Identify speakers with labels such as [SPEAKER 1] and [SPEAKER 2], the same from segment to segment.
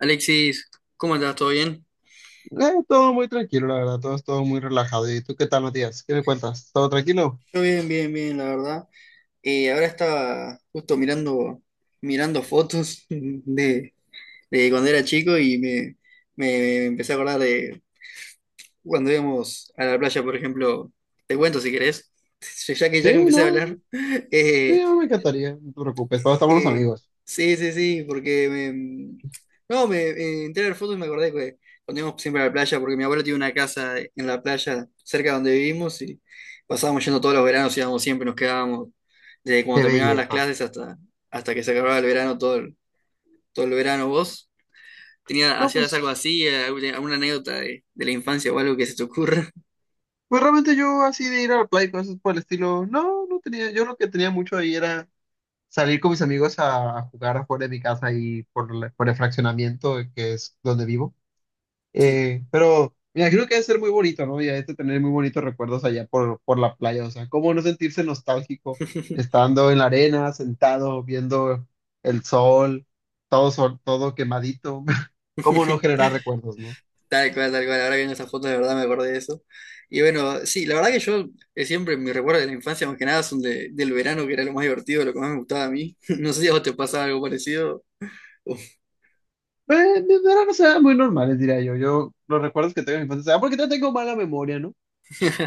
[SPEAKER 1] Alexis, ¿cómo andás? ¿Todo bien?
[SPEAKER 2] Todo muy tranquilo, la verdad, todo muy relajado. ¿Y tú qué tal, Matías? ¿Qué me cuentas? ¿Todo tranquilo?
[SPEAKER 1] Yo bien, bien, bien, la verdad. Ahora estaba justo mirando, mirando fotos de cuando era chico y me empecé a acordar de cuando íbamos a la playa, por ejemplo. Te cuento si querés, ya
[SPEAKER 2] Sí,
[SPEAKER 1] que empecé a
[SPEAKER 2] no,
[SPEAKER 1] hablar.
[SPEAKER 2] sí,
[SPEAKER 1] Eh,
[SPEAKER 2] no me encantaría, no te preocupes, todos estamos los
[SPEAKER 1] Eh,
[SPEAKER 2] amigos.
[SPEAKER 1] sí, sí, sí, porque me... No, me entré a ver fotos y me acordé que cuando íbamos siempre a la playa, porque mi abuelo tiene una casa en la playa cerca de donde vivimos y pasábamos yendo todos los veranos, íbamos siempre, nos quedábamos desde cuando
[SPEAKER 2] Qué
[SPEAKER 1] terminaban las
[SPEAKER 2] belleza.
[SPEAKER 1] clases hasta, hasta que se acababa el verano, todo el verano. ¿Vos tenía,
[SPEAKER 2] No,
[SPEAKER 1] hacías algo
[SPEAKER 2] pues,
[SPEAKER 1] así, alguna anécdota de la infancia o algo que se te ocurra?
[SPEAKER 2] pues realmente yo así de ir a la playa y cosas por el estilo, no, no tenía, yo lo que tenía mucho ahí era salir con mis amigos a jugar afuera de mi casa ahí por el fraccionamiento que es donde vivo.
[SPEAKER 1] Sí.
[SPEAKER 2] Pero me imagino que debe ser muy bonito, ¿no? Y hay que tener muy bonitos recuerdos allá por la playa. O sea, ¿cómo no sentirse nostálgico estando en la arena, sentado, viendo el sol, todo quemadito? ¿Cómo no generar recuerdos, no?
[SPEAKER 1] Tal cual, tal cual. Ahora que en esas fotos de verdad me acordé de eso. Y bueno, sí, la verdad que yo siempre mis recuerdos de la infancia, más que nada, son de- del verano, que era lo más divertido, lo que más me gustaba a mí. No sé si a vos te pasaba algo parecido.
[SPEAKER 2] Eh, Eran, o sea, muy normales, diría yo. Yo los recuerdos que tengo en mi infancia, ah, porque no tengo mala memoria, ¿no?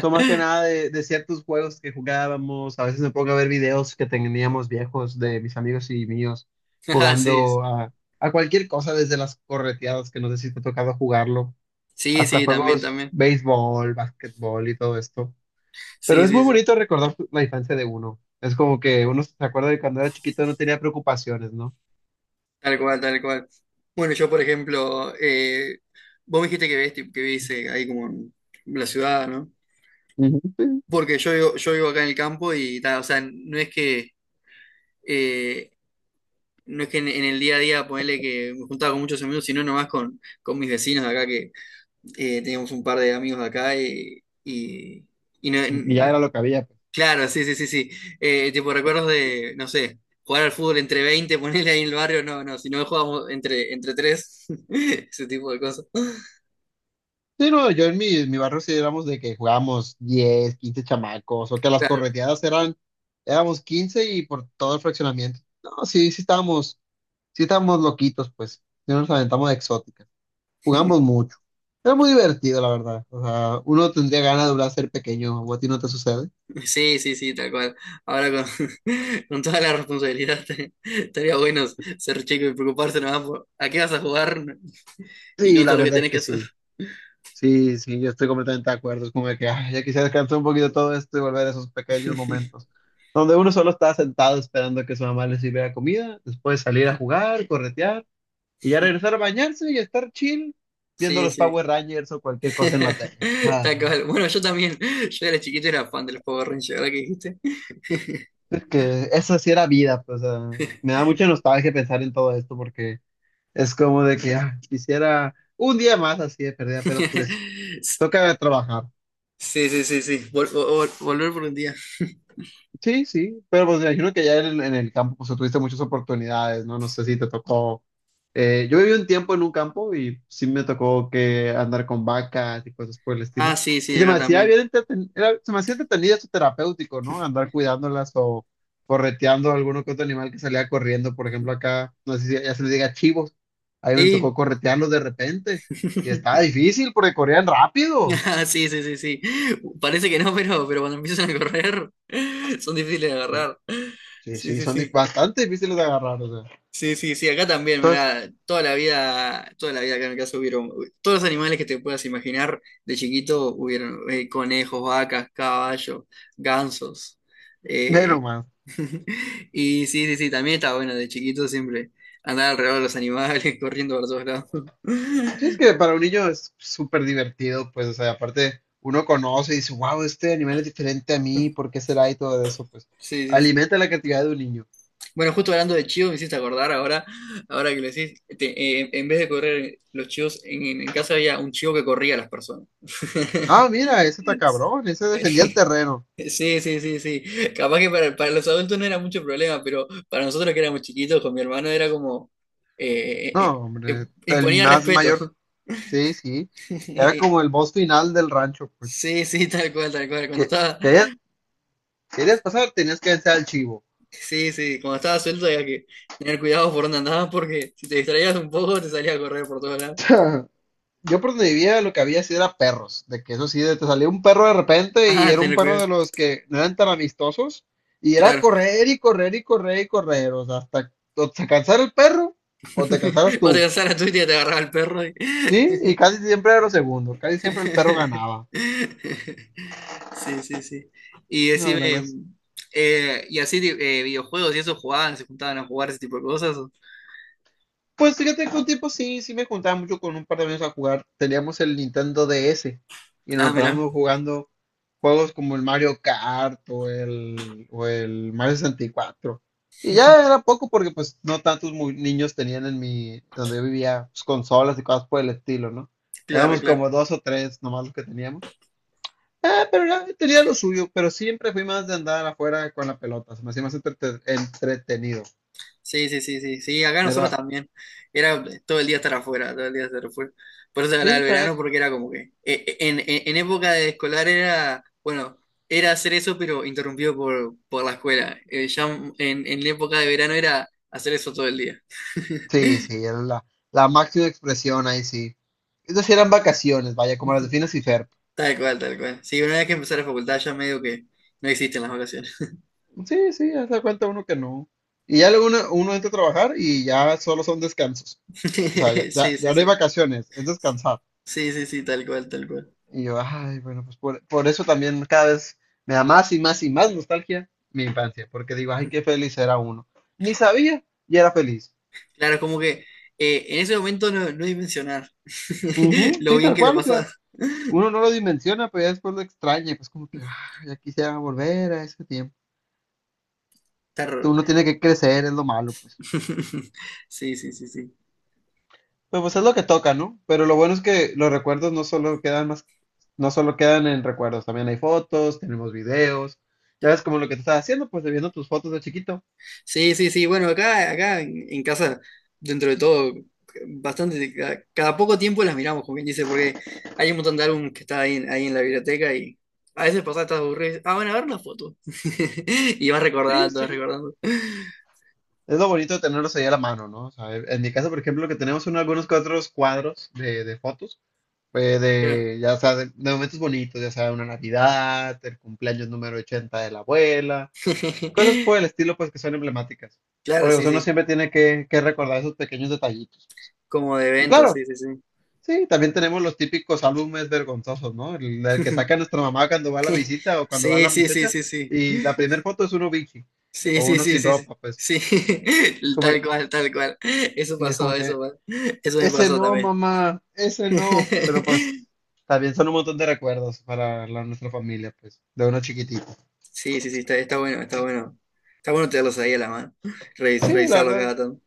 [SPEAKER 2] Son más que nada de ciertos juegos que jugábamos. A veces me pongo a ver videos que teníamos viejos de mis amigos y míos
[SPEAKER 1] Ah, sí.
[SPEAKER 2] jugando a cualquier cosa, desde las correteadas, que no sé si te ha tocado jugarlo,
[SPEAKER 1] Sí,
[SPEAKER 2] hasta
[SPEAKER 1] sí, también,
[SPEAKER 2] juegos
[SPEAKER 1] también.
[SPEAKER 2] béisbol, básquetbol y todo esto. Pero
[SPEAKER 1] Sí,
[SPEAKER 2] es
[SPEAKER 1] sí,
[SPEAKER 2] muy
[SPEAKER 1] sí.
[SPEAKER 2] bonito recordar la infancia de uno. Es como que uno se acuerda de cuando era chiquito no tenía preocupaciones, ¿no?
[SPEAKER 1] Tal cual, tal cual. Bueno, yo, por ejemplo, vos me dijiste que ves, que vivís ahí como en la ciudad, ¿no?
[SPEAKER 2] Ujú. Sí.
[SPEAKER 1] Porque yo vivo acá en el campo y, ta, o sea, no es que eh, no es que en el día a día, ponele que me juntaba con muchos amigos, sino nomás con mis vecinos de acá, que teníamos un par de amigos de acá y no-
[SPEAKER 2] Y ya
[SPEAKER 1] n-
[SPEAKER 2] era lo que había.
[SPEAKER 1] claro, sí, sí, sí, sí. Tipo recuerdos de, no sé, jugar al fútbol entre 20 ponerle ahí en el barrio, no, no, si no jugábamos entre, entre tres, ese tipo de cosas.
[SPEAKER 2] Sí, no, yo en mi barrio sí éramos de que jugábamos 10, 15 chamacos, o que las
[SPEAKER 1] Claro.
[SPEAKER 2] correteadas eran, éramos 15 y por todo el fraccionamiento. No, sí, sí estábamos loquitos, pues, sí nos aventamos de exóticas, jugamos mucho. Era muy divertido, la verdad. O sea, uno tendría ganas de volver a ser pequeño, ¿o a ti no te sucede?
[SPEAKER 1] Sí, sí, sí, tal cual. Ahora con, con toda la responsabilidad estaría bueno ser chico y preocuparse nomás por a qué vas a jugar y no
[SPEAKER 2] Sí,
[SPEAKER 1] todo
[SPEAKER 2] la
[SPEAKER 1] lo que
[SPEAKER 2] verdad es
[SPEAKER 1] tenés que
[SPEAKER 2] que
[SPEAKER 1] hacer.
[SPEAKER 2] sí. Sí, sí, yo estoy completamente de acuerdo. Es como de que ay, ya quisiera descansar un poquito todo esto y volver a esos pequeños momentos donde uno solo estaba sentado esperando que su mamá le sirviera comida, después salir a jugar, corretear y ya regresar a bañarse y estar chill viendo
[SPEAKER 1] Sí,
[SPEAKER 2] los
[SPEAKER 1] sí.
[SPEAKER 2] Power Rangers o cualquier cosa en la tele. Ah,
[SPEAKER 1] Tal cual. Bueno, yo también. Yo era chiquito era fan de los Power Rangers, ¿verdad que dijiste?
[SPEAKER 2] es que eso sí era vida, pues, me da mucha nostalgia pensar en todo esto porque es como de que quisiera un día más así de perdida, pero pues toca trabajar.
[SPEAKER 1] Sí, sí, sí, sí. Vol- vol- volver por un día.
[SPEAKER 2] Sí, sí, pero pues me imagino que ya en el campo pues tuviste muchas oportunidades, ¿no? No sé si te tocó. Yo viví un tiempo en un campo y sí me tocó que andar con vacas y cosas por el
[SPEAKER 1] Ah,
[SPEAKER 2] estilo.
[SPEAKER 1] sí,
[SPEAKER 2] Y
[SPEAKER 1] sí, acá también.
[SPEAKER 2] se me hacía entretenido esto terapéutico, ¿no? Andar cuidándolas o correteando a alguno que otro animal que salía corriendo. Por ejemplo, acá, no sé si ya se le diga chivos. Ahí me
[SPEAKER 1] Sí.
[SPEAKER 2] tocó corretearlos de repente. Y estaba difícil porque corrían rápido.
[SPEAKER 1] Ah, sí, sí, sí, sí. Parece que no, pero cuando empiezan a correr son difíciles de agarrar.
[SPEAKER 2] Sí,
[SPEAKER 1] Sí,
[SPEAKER 2] sí,
[SPEAKER 1] sí,
[SPEAKER 2] son
[SPEAKER 1] sí.
[SPEAKER 2] bastante difíciles de agarrar, o sea.
[SPEAKER 1] Sí, sí, sí, acá también,
[SPEAKER 2] Entonces,
[SPEAKER 1] mirá, toda la vida acá en mi casa hubieron, todos los animales que te puedas imaginar de chiquito hubieron conejos, vacas, caballos, gansos. eh,
[SPEAKER 2] menos más.
[SPEAKER 1] y sí, sí, sí, también está bueno de chiquito siempre andar alrededor de los animales, corriendo por todos lados.
[SPEAKER 2] Sí, es que para un niño es súper divertido, pues, o sea, aparte uno conoce y dice, wow, este animal es diferente a mí, ¿por qué será? Y todo eso, pues,
[SPEAKER 1] Sí, sí, sí.
[SPEAKER 2] alimenta la creatividad de un niño.
[SPEAKER 1] Bueno, justo hablando de chivos, me hiciste acordar ahora, ahora que lo decís, te- en vez de correr los chivos, en casa había un chivo que corría a las personas.
[SPEAKER 2] Ah, mira, ese está cabrón, ese defendía el
[SPEAKER 1] Sí.
[SPEAKER 2] terreno.
[SPEAKER 1] Sí, sí, sí, sí. Capaz que para los adultos no era mucho problema, pero para nosotros que éramos chiquitos, con mi hermano era como...
[SPEAKER 2] No, hombre, el
[SPEAKER 1] imponía
[SPEAKER 2] más
[SPEAKER 1] respeto.
[SPEAKER 2] mayor, sí, sí. Era como el boss final del rancho, pues,
[SPEAKER 1] Sí, sí, tal cual, tal cual. Cuando
[SPEAKER 2] que
[SPEAKER 1] estaba,
[SPEAKER 2] querías, querías pasar, tenías que vencer al chivo.
[SPEAKER 1] sí, sí, cuando estaba suelto había que tener cuidado por dónde andabas porque si te distraías un poco te salía a correr por todos lados.
[SPEAKER 2] Yo por donde vivía lo que había sí era perros, de que eso sí, te salía un perro de repente y
[SPEAKER 1] Ah,
[SPEAKER 2] era un
[SPEAKER 1] tener
[SPEAKER 2] perro
[SPEAKER 1] cuidado.
[SPEAKER 2] de los que no eran tan amistosos y era
[SPEAKER 1] Claro.
[SPEAKER 2] correr y correr y correr y correr, o sea, hasta o se cansara el perro o te cansaras
[SPEAKER 1] Vos te
[SPEAKER 2] tú,
[SPEAKER 1] cansabas la tuya y te agarraba el perro. Y-
[SPEAKER 2] ¿sí? Y casi siempre era lo segundo, casi siempre el perro ganaba.
[SPEAKER 1] sí, sí, sí. Y
[SPEAKER 2] No,
[SPEAKER 1] decime,
[SPEAKER 2] la verdad.
[SPEAKER 1] y así videojuegos y eso jugaban, se juntaban a jugar ese tipo de cosas. ¿O?
[SPEAKER 2] Pues fíjate que un tiempo sí, sí me juntaba mucho con un par de amigos a jugar. Teníamos el Nintendo DS y nos
[SPEAKER 1] Ah,
[SPEAKER 2] la
[SPEAKER 1] mirá,
[SPEAKER 2] pasábamos jugando juegos como el Mario Kart o el Mario 64. Y cuatro. Y ya era poco porque pues no tantos niños tenían donde yo vivía, pues, consolas y cosas por el estilo, ¿no?
[SPEAKER 1] claro,
[SPEAKER 2] Éramos
[SPEAKER 1] claro.
[SPEAKER 2] como dos o tres nomás los que teníamos. Ah, pero tenía lo suyo, pero siempre fui más de andar afuera con la pelota, se me hacía más entretenido.
[SPEAKER 1] Sí, sí, sí, sí, sí, acá
[SPEAKER 2] Era,
[SPEAKER 1] nosotros también. Era todo el día estar afuera, todo el día estar afuera. Por eso se hablaba
[SPEAKER 2] sí,
[SPEAKER 1] del
[SPEAKER 2] que había.
[SPEAKER 1] verano, porque era como que en época de escolar era, bueno, era hacer eso, pero interrumpido por la escuela. Ya en época de verano era hacer eso todo el día.
[SPEAKER 2] Sí, sí, era la máxima expresión ahí, sí. Esas sí eran vacaciones, vaya, como las de Phineas y Ferb.
[SPEAKER 1] Tal cual, tal cual. Sí, una vez que empecé la facultad ya medio que no existen las vacaciones.
[SPEAKER 2] Sí, sí, haz de cuenta uno que no. Y ya luego uno entra a trabajar y ya solo son descansos. O sea, ya, ya,
[SPEAKER 1] Sí, sí,
[SPEAKER 2] ya no hay
[SPEAKER 1] sí.
[SPEAKER 2] vacaciones, es descansar.
[SPEAKER 1] Sí, sí, sí, tal cual, tal cual.
[SPEAKER 2] Y yo, ay, bueno, pues por eso también cada vez me da más y más y más nostalgia mi infancia, porque digo, ay, qué feliz era uno. Ni sabía y era feliz.
[SPEAKER 1] Claro, como que en ese momento no, no dimensionar
[SPEAKER 2] Ujú,
[SPEAKER 1] lo
[SPEAKER 2] sí,
[SPEAKER 1] bien
[SPEAKER 2] tal
[SPEAKER 1] que lo
[SPEAKER 2] cual, o sea,
[SPEAKER 1] pasás.
[SPEAKER 2] uno no lo dimensiona, pero ya después lo extraña, y pues como que, ah, ya quisiera volver a ese tiempo.
[SPEAKER 1] Terror.
[SPEAKER 2] Uno tiene que crecer, es lo malo, pues.
[SPEAKER 1] Sí, sí, sí, sí.
[SPEAKER 2] Pero pues es lo que toca, ¿no? Pero lo bueno es que los recuerdos no solo quedan más, no solo quedan en recuerdos, también hay fotos, tenemos videos. Ya ves como lo que te estás haciendo, pues viendo tus fotos de chiquito.
[SPEAKER 1] Sí, sí, sí. Bueno, acá, acá en casa, dentro de todo, bastante, cada, cada poco tiempo las miramos, como quien dice, porque hay un montón de álbumes que está ahí, en- ahí en la biblioteca y a veces pasás, estás aburrido. Y dices, ah, bueno, a ver la foto. Y vas
[SPEAKER 2] Sí,
[SPEAKER 1] recordando, vas
[SPEAKER 2] sí.
[SPEAKER 1] recordando.
[SPEAKER 2] Es lo bonito de tenerlos ahí a la mano, ¿no? O sea, en mi caso, por ejemplo, que tenemos algunos que otros cuadros de fotos, pues
[SPEAKER 1] Claro,
[SPEAKER 2] de, ya sea, de momentos bonitos, ya sea una Navidad, el cumpleaños número 80 de la abuela. Cosas por el estilo, pues que son emblemáticas.
[SPEAKER 1] claro,
[SPEAKER 2] Porque pues,
[SPEAKER 1] sí,
[SPEAKER 2] uno
[SPEAKER 1] sí.
[SPEAKER 2] siempre tiene que recordar esos pequeños detallitos.
[SPEAKER 1] Como de
[SPEAKER 2] Y
[SPEAKER 1] eventos,
[SPEAKER 2] claro,
[SPEAKER 1] sí, sí, sí.
[SPEAKER 2] sí, también tenemos los típicos álbumes vergonzosos, ¿no? El que saca nuestra mamá cuando va a la visita o cuando va
[SPEAKER 1] Sí,
[SPEAKER 2] la
[SPEAKER 1] sí, sí,
[SPEAKER 2] muchacha
[SPEAKER 1] sí, sí.
[SPEAKER 2] y la primera foto es uno bichi
[SPEAKER 1] Sí,
[SPEAKER 2] o
[SPEAKER 1] sí,
[SPEAKER 2] uno
[SPEAKER 1] sí,
[SPEAKER 2] sin
[SPEAKER 1] sí, sí.
[SPEAKER 2] ropa, pues
[SPEAKER 1] Sí,
[SPEAKER 2] es como,
[SPEAKER 1] tal cual, tal cual. Eso
[SPEAKER 2] sí, es
[SPEAKER 1] pasó,
[SPEAKER 2] como
[SPEAKER 1] eso,
[SPEAKER 2] que,
[SPEAKER 1] pa- eso me
[SPEAKER 2] ese
[SPEAKER 1] pasó
[SPEAKER 2] no,
[SPEAKER 1] también.
[SPEAKER 2] mamá, ese no. Pero pues también son un montón de recuerdos para nuestra familia, pues, de uno chiquitito.
[SPEAKER 1] Sí, sí, sí, está, está bueno, está bueno. Está bueno tenerlos ahí a la mano, revis-
[SPEAKER 2] Sí, la
[SPEAKER 1] revisarlo
[SPEAKER 2] verdad,
[SPEAKER 1] cada tanto.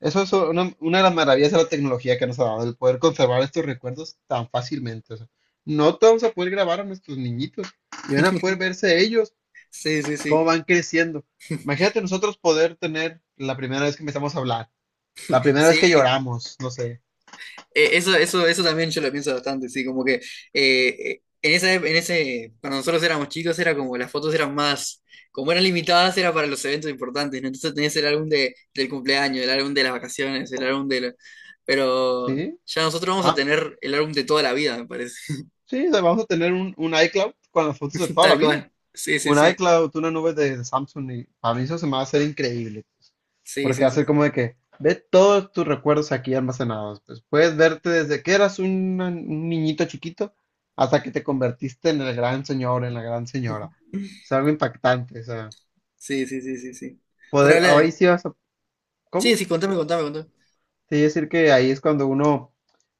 [SPEAKER 2] eso es una de las maravillas de la tecnología que nos ha dado, el poder conservar estos recuerdos tan fácilmente. O sea, no te vamos a poder grabar a nuestros niñitos y van a poder verse ellos
[SPEAKER 1] Sí, sí,
[SPEAKER 2] cómo
[SPEAKER 1] sí.
[SPEAKER 2] van creciendo. Imagínate nosotros poder tener la primera vez que empezamos a hablar, la primera vez que
[SPEAKER 1] Sí,
[SPEAKER 2] lloramos, no sé,
[SPEAKER 1] eso también yo lo pienso bastante, sí, como que en esa, ep- en ese, cuando nosotros éramos chicos era como las fotos eran más, como eran limitadas, era para los eventos importantes, ¿no? Entonces tenías el álbum de, del cumpleaños, el álbum de las vacaciones, el álbum de... la- pero
[SPEAKER 2] ¿sí?
[SPEAKER 1] ya nosotros vamos a
[SPEAKER 2] Ah,
[SPEAKER 1] tener el álbum de toda la vida, me parece.
[SPEAKER 2] sí, o sea, vamos a tener un iCloud con las fotos de toda la
[SPEAKER 1] Tal
[SPEAKER 2] vida.
[SPEAKER 1] cual. Sí, sí,
[SPEAKER 2] Un
[SPEAKER 1] sí.
[SPEAKER 2] iCloud, una nube de Samsung, y a mí eso se me va a hacer increíble, pues,
[SPEAKER 1] Sí,
[SPEAKER 2] porque
[SPEAKER 1] sí,
[SPEAKER 2] va a
[SPEAKER 1] sí.
[SPEAKER 2] ser como de que ve todos tus recuerdos aquí almacenados, pues puedes verte desde que eras un niñito chiquito hasta que te convertiste en el gran señor, en la gran señora. Es algo impactante, o sea,
[SPEAKER 1] Sí, sí, sí, sí, sí. Bueno,
[SPEAKER 2] poder, ahora
[SPEAKER 1] habla-
[SPEAKER 2] sí vas a,
[SPEAKER 1] sí,
[SPEAKER 2] ¿cómo?
[SPEAKER 1] sí, contame, contame, contame.
[SPEAKER 2] Te iba a decir que ahí es cuando uno,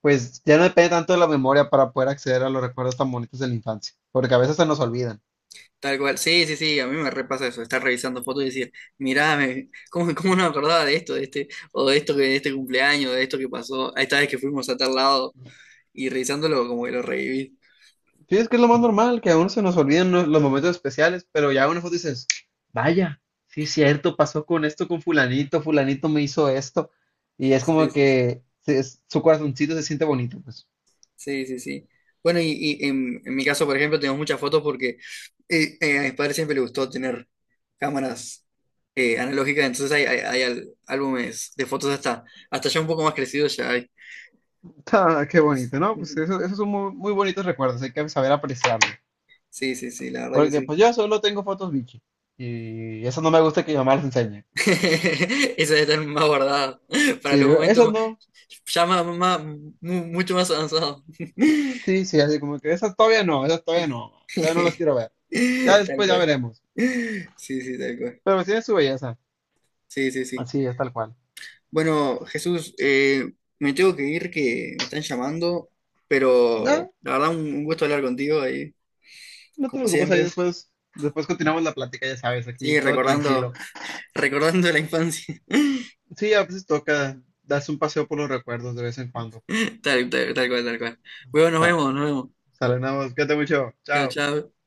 [SPEAKER 2] pues ya no depende tanto de la memoria para poder acceder a los recuerdos tan bonitos de la infancia, porque a veces se nos olvidan.
[SPEAKER 1] Tal cual. Sí, sí, sí, a mí me repasa eso, estar revisando fotos y decir, mirá, me- ¿cómo, cómo no me acordaba de esto, de este, o de esto que de este cumpleaños, de esto que pasó, a esta vez que fuimos a tal lado, y revisándolo como que lo reviví?
[SPEAKER 2] Sí, es que es lo más normal, que aún se nos olvidan los momentos especiales, pero ya una foto dices, vaya, sí es cierto, pasó con esto, con fulanito, fulanito me hizo esto, y es
[SPEAKER 1] Sí,
[SPEAKER 2] como
[SPEAKER 1] sí, sí.
[SPEAKER 2] que su corazoncito se siente bonito, pues.
[SPEAKER 1] Sí, sí, sí. Bueno, y en mi caso, por ejemplo, tengo muchas fotos porque a mis padres siempre les gustó tener cámaras analógicas, entonces hay al- álbumes de fotos hasta, hasta ya un poco más crecidos ya hay.
[SPEAKER 2] Ah, qué bonito, ¿no? Pues eso, esos son muy, muy bonitos recuerdos, hay que saber apreciarlos.
[SPEAKER 1] Sí, sí, sí, la verdad que
[SPEAKER 2] Porque
[SPEAKER 1] sí.
[SPEAKER 2] pues yo solo tengo fotos bichi, y esas no me gusta que mi mamá las enseñe.
[SPEAKER 1] Eso debe estar más guardado para
[SPEAKER 2] Sí, le
[SPEAKER 1] los
[SPEAKER 2] digo, esas
[SPEAKER 1] momentos
[SPEAKER 2] no,
[SPEAKER 1] ya más, más- mu- mucho más avanzados.
[SPEAKER 2] sí, sí, así como que esas todavía no las quiero ver. Ya
[SPEAKER 1] Tal
[SPEAKER 2] después ya
[SPEAKER 1] cual.
[SPEAKER 2] veremos,
[SPEAKER 1] Sí, sí, tal cual.
[SPEAKER 2] pero tiene su belleza,
[SPEAKER 1] Sí, sí, sí.
[SPEAKER 2] así es tal cual.
[SPEAKER 1] Bueno, Jesús, me tengo que ir que me están llamando, pero
[SPEAKER 2] No,
[SPEAKER 1] la verdad un gusto hablar contigo ahí,
[SPEAKER 2] no te
[SPEAKER 1] como
[SPEAKER 2] preocupes, ahí
[SPEAKER 1] siempre.
[SPEAKER 2] después continuamos la plática, ya sabes,
[SPEAKER 1] Sí,
[SPEAKER 2] aquí todo
[SPEAKER 1] recordando,
[SPEAKER 2] tranquilo.
[SPEAKER 1] recordando la infancia.
[SPEAKER 2] Sí, a veces toca darse un paseo por los recuerdos de vez en cuando.
[SPEAKER 1] Tal, tal, tal cual, tal cual. Bueno, nos
[SPEAKER 2] Sale,
[SPEAKER 1] vemos, nos vemos.
[SPEAKER 2] sale, nada más, cuídate mucho,
[SPEAKER 1] Chao,
[SPEAKER 2] chao.
[SPEAKER 1] chao.